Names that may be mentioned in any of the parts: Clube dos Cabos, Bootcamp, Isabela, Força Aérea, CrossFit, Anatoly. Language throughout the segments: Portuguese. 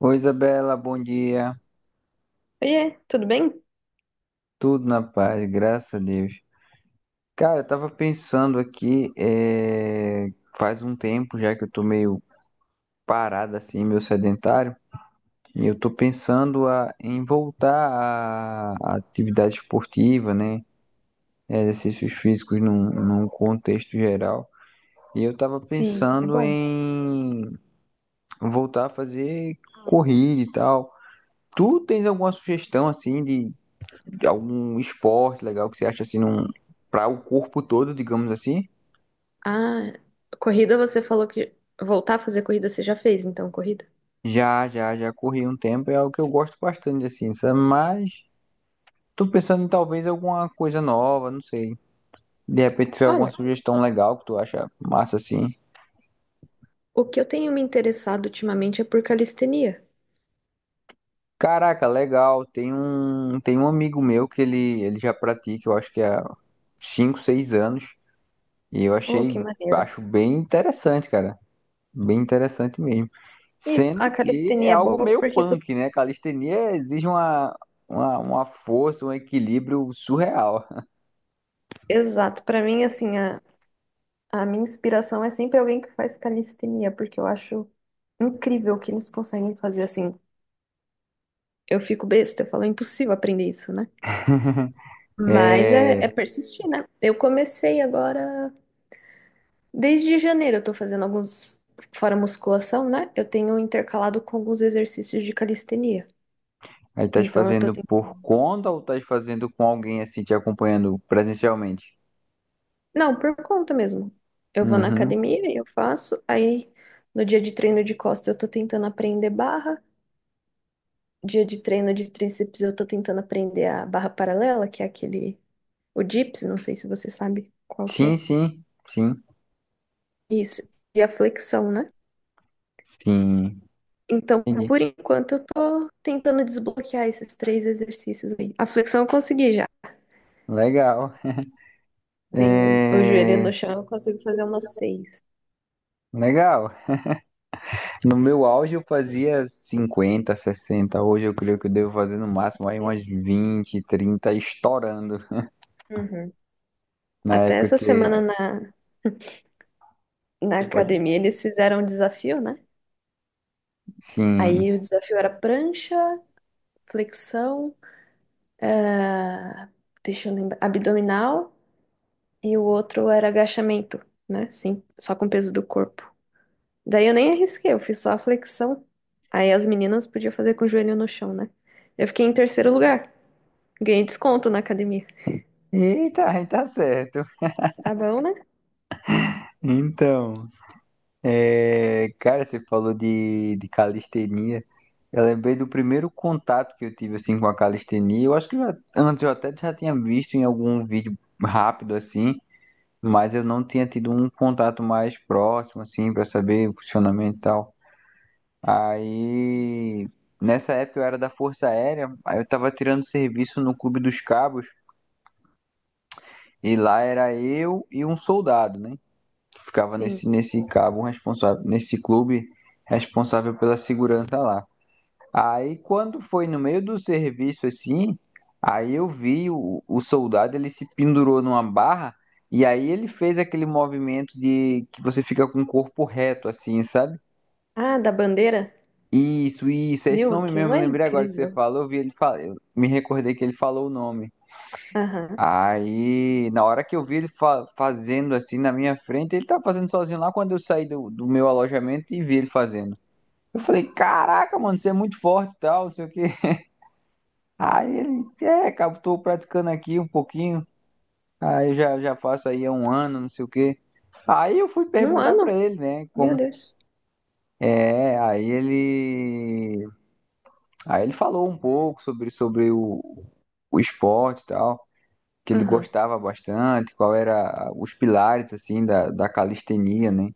Oi, Isabela, bom dia. Oiê, tudo bem? Tudo na paz, graças a Deus. Cara, eu tava pensando aqui, faz um tempo já que eu tô meio parado assim, meio sedentário, e eu tô pensando em voltar à atividade esportiva, né? Exercícios físicos num contexto geral. E eu tava Sim, é pensando bom. em voltar a fazer corrida e tal. Tu tens alguma sugestão assim de algum esporte legal que você acha assim, num, para o corpo todo, digamos assim? Ah, corrida você falou que voltar a fazer corrida você já fez, então, corrida? Já, já, já corri um tempo, é algo que eu gosto bastante, assim, sabe? Mas tô pensando em talvez alguma coisa nova, não sei. De repente tiver alguma Olha, sugestão legal que tu acha massa, assim. o que eu tenho me interessado ultimamente é por calistenia. Caraca, legal. Tem um amigo meu que ele já pratica, eu acho que há 5 6 anos. E eu Oh, achei, que maneiro. acho bem interessante, cara. Bem interessante mesmo. Isso, a Sendo que é calistenia é algo boa meio porque tu... punk, né? Calistenia exige uma força, um equilíbrio surreal. Exato, pra mim, assim, a minha inspiração é sempre alguém que faz calistenia, porque eu acho incrível o que eles conseguem fazer, assim. Eu fico besta, eu falo, é impossível aprender isso, né? Mas é, É, é persistir, né? Eu comecei agora... Desde janeiro eu tô fazendo alguns, fora musculação, né? Eu tenho intercalado com alguns exercícios de calistenia. aí estás Então eu tô fazendo tentando. por conta ou estás fazendo com alguém assim te acompanhando presencialmente? Não, por conta mesmo. Eu vou na Uhum. academia e eu faço. Aí no dia de treino de costa eu tô tentando aprender barra. Dia de treino de tríceps eu tô tentando aprender a barra paralela, que é aquele, o dips, não sei se você sabe qual que Sim, é. sim, sim, Isso. E a flexão, né? sim. Então, Entendi. por enquanto, eu tô tentando desbloquear esses três exercícios aí. A flexão eu consegui já. Legal. Tenho o joelho É, no chão, eu consigo fazer umas seis. legal. No meu auge eu fazia 50, 60. Hoje eu creio que eu devo fazer no máximo aí umas 20, 30 estourando. Uhum. Na Até época essa semana que. na academia eles fizeram um desafio, né? Sim. Aí o desafio era prancha, flexão, eh, deixa eu lembrar, abdominal e o outro era agachamento, né? Sim, só com o peso do corpo. Daí eu nem arrisquei, eu fiz só a flexão. Aí as meninas podiam fazer com o joelho no chão, né? Eu fiquei em terceiro lugar, ganhei desconto na academia. Eita, aí tá certo. Tá bom, né? Então, é, cara, você falou de calistenia. Eu lembrei do primeiro contato que eu tive assim com a calistenia. Eu acho que antes eu até já tinha visto em algum vídeo rápido assim, mas eu não tinha tido um contato mais próximo assim pra saber o funcionamento e tal. Aí, nessa época eu era da Força Aérea, aí eu tava tirando serviço no Clube dos Cabos e lá era eu e um soldado, né? Ficava Sim. nesse cabo um responsável, nesse clube responsável pela segurança lá. Aí quando foi no meio do serviço assim, aí eu vi o soldado, ele se pendurou numa barra e aí ele fez aquele movimento de que você fica com o corpo reto assim, sabe? Ah, da bandeira? Isso, é esse Meu, nome aquilo mesmo, eu é lembrei agora que você incrível. falou, eu vi ele falar, eu me recordei que ele falou o nome. Aham. Aí, na hora que eu vi ele fazendo assim na minha frente, ele tava fazendo sozinho lá quando eu saí do meu alojamento e vi ele fazendo. Eu falei, caraca, mano, você é muito forte e tal, não sei o quê. Aí ele, é, cara, tô praticando aqui um pouquinho, aí eu já, já faço aí há um ano, não sei o quê. Aí eu fui Num perguntar pra ano? ele, né, Meu como... Deus. É, aí ele... Aí ele falou um pouco sobre o esporte e tal. Que ele Aham. gostava bastante, qual era os pilares assim da calistenia, né?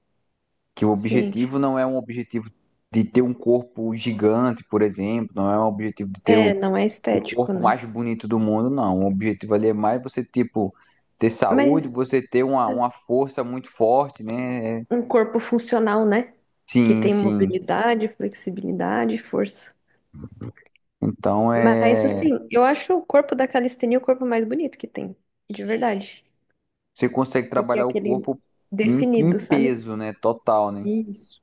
Que o Sim. objetivo não é um objetivo de ter um corpo gigante, por exemplo, não é um objetivo de ter É, não é o estético, corpo né? mais bonito do mundo, não. O objetivo ali é mais você tipo ter saúde, Mas você ter uma, é, uma força muito forte, né? um corpo funcional, né? Que Sim, tem sim. mobilidade, flexibilidade, e força. Então Mas, é assim, eu acho o corpo da calistenia o corpo mais bonito que tem. De verdade. você consegue Porque é trabalhar o aquele corpo em, em definido, sabe? peso, né? Total, né? Isso.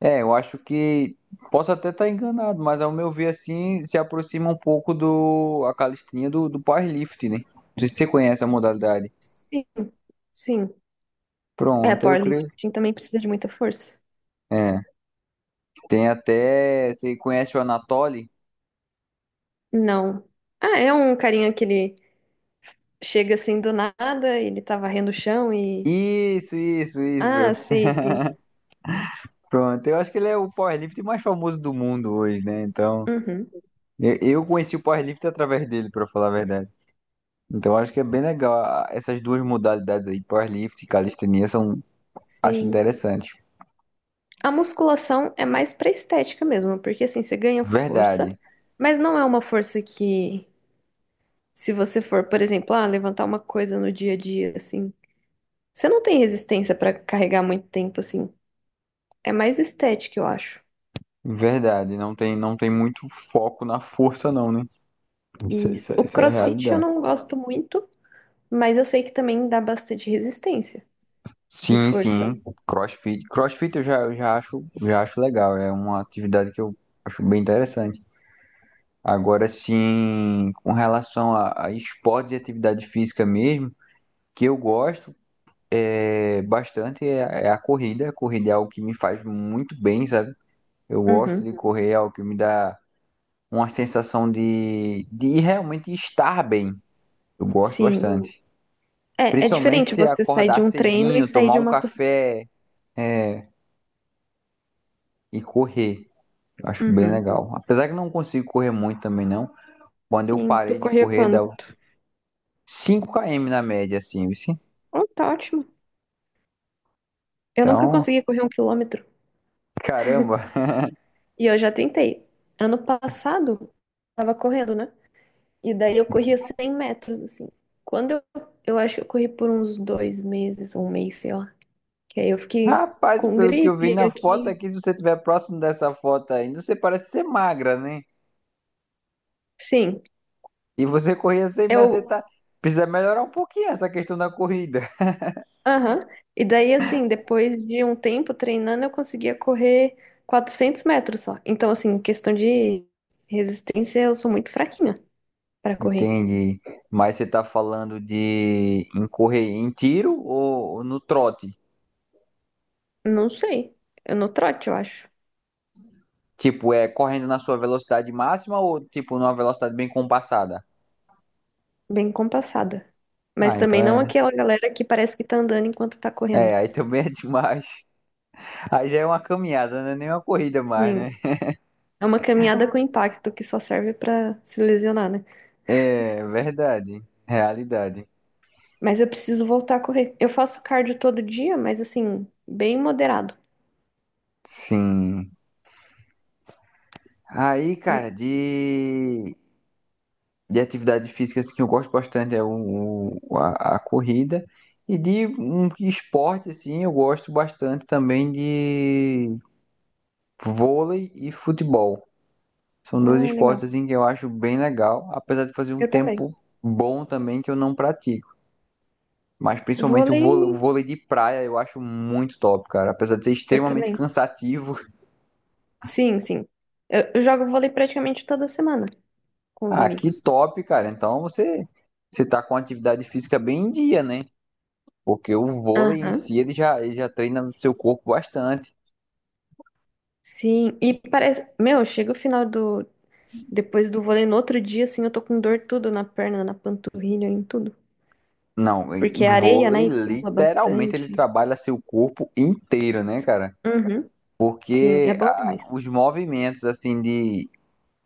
É, eu acho que posso até estar enganado, mas ao meu ver assim se aproxima um pouco do a calistenia do powerlifting, né? Não sei se você conhece a modalidade. Sim, sim. É, Pronto, eu creio. powerlifting também precisa de muita força. É, tem até, você conhece o Anatoly? Não. Ah, é um carinha que ele chega assim do nada, ele tá varrendo o chão e. Isso, isso, isso. Ah, sei, sei. Pronto, eu acho que ele é o powerlifting mais famoso do mundo hoje, né? Então, Uhum, eu conheci o powerlifting através dele, pra falar a verdade. Então, eu acho que é bem legal essas duas modalidades aí, powerlifting e calistenia, são acho sim. interessantes. A musculação é mais pra estética mesmo, porque assim, você ganha força, Verdade. mas não é uma força que, se você for, por exemplo, ah, levantar uma coisa no dia a dia, assim, você não tem resistência pra carregar muito tempo, assim. É mais estética, eu acho. Verdade, não tem muito foco na força, não, né? Isso, Isso. isso, O isso é a CrossFit eu realidade. não gosto muito, mas eu sei que também dá bastante resistência e Sim, força. sim. CrossFit. CrossFit eu já, eu já acho legal. É uma atividade que eu acho bem interessante. Agora, sim, com relação a esportes e atividade física mesmo, que eu gosto é, bastante é a corrida. A corrida é algo que me faz muito bem, sabe? Eu gosto de. Uhum, Uhum. Correr, é algo que me dá uma sensação de realmente estar bem. Eu gosto sim. bastante. É, é Principalmente diferente se você sair de acordar um treino e cedinho, sair tomar de um uma corrida. café e correr. Eu acho bem Uhum. legal. Apesar que não consigo correr muito também, não. Quando eu Sim, tu parei de corria correr, dá quando? 5 km na média, assim, viu? Oh, tá ótimo. Eu nunca Então, consegui correr um quilômetro. caramba. E eu já tentei. Ano passado, tava correndo, né? E daí eu corria 100 metros, assim. Quando eu, eu acho que eu corri por uns 2 meses, um mês, sei lá. Que aí eu fiquei Rapaz, com pelo que eu vi gripe na foto aqui. aqui, se você estiver próximo dessa foto ainda, você parece ser magra, né? Sim, E você corria assim, mas você eu. tá. Precisa melhorar um pouquinho essa questão da corrida. Aham. E daí, assim, depois de um tempo treinando, eu conseguia correr 400 metros só. Então, assim, em questão de resistência, eu sou muito fraquinha para correr. Entendi. Mas você tá falando de em correr em tiro ou no trote? Não sei. Eu no trote, eu acho. Tipo, é correndo na sua velocidade máxima ou, tipo, numa velocidade bem compassada? Bem compassada. Mas Ah, então também não é. aquela galera que parece que tá andando enquanto tá É, correndo. aí também é demais. Aí já é uma caminhada, não é nem uma corrida mais, Sim. né? É uma caminhada com impacto que só serve para se lesionar, né? É, verdade. Realidade. Mas eu preciso voltar a correr. Eu faço cardio todo dia, mas assim, bem moderado. Sim. Aí, cara, Hum. de atividade física assim, que eu gosto bastante é o, a corrida. E de um esporte, assim, eu gosto bastante também de vôlei e futebol. São dois Ah, legal. esportes assim que eu acho bem legal, apesar de fazer um Eu também. tempo bom também que eu não pratico. Mas principalmente Vôlei. O vôlei de praia eu acho muito top, cara. Apesar de ser Eu extremamente também. cansativo. Sim, sim. Eu jogo vôlei praticamente toda semana com os Ah, que amigos. top, cara. Então você tá com atividade física bem em dia, né? Porque o vôlei em Aham. si ele já treina o seu corpo bastante. Sim, e parece. Meu, chega o final do. Depois do vôlei, no outro dia, assim, eu tô com dor tudo na perna, na panturrilha, em tudo. Não, e- Porque é areia, vôlei né? E pula literalmente ele bastante. trabalha seu corpo inteiro, né, cara? Uhum. Sim, é Porque bom ah, demais. os movimentos assim de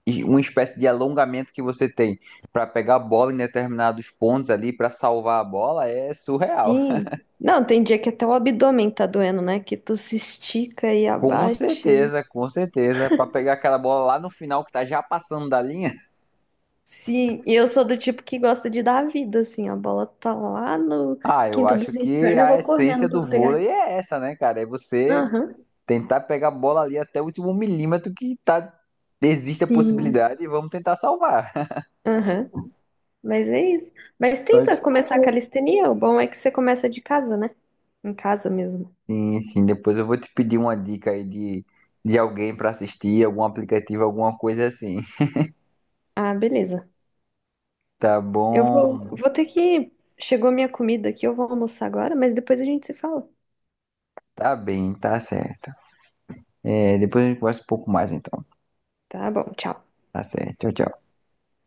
e uma espécie de alongamento que você tem para pegar a bola em determinados pontos ali para salvar a bola é surreal. Sim. Não, tem dia que até o abdômen tá doendo, né? Que tu se estica e abaixa. Com certeza, para pegar aquela bola lá no final que tá já passando da linha. Sim, e eu sou do tipo que gosta de dar a vida, assim, a bola tá lá no Ah, eu quinto acho dos que infernos, eu a vou essência correndo do pra pegar. vôlei é essa, né, cara? É você Aham, tentar pegar a bola ali até o último milímetro que tá existe a sim, possibilidade e vamos tentar salvar. aham, mas é isso. Mas tenta Mas, começar a calistenia, o bom é que você começa de casa, né? Em casa mesmo. sim, sim, depois eu vou te pedir uma dica aí de alguém para assistir, algum aplicativo, alguma coisa assim. Ah, beleza. Tá Eu vou, bom, vou ter que. Chegou minha comida aqui, eu vou almoçar agora, mas depois a gente se fala. tá bem, tá certo. É, depois a gente conversa um pouco mais então. Tá bom, tchau. Tá certo, tchau, tchau.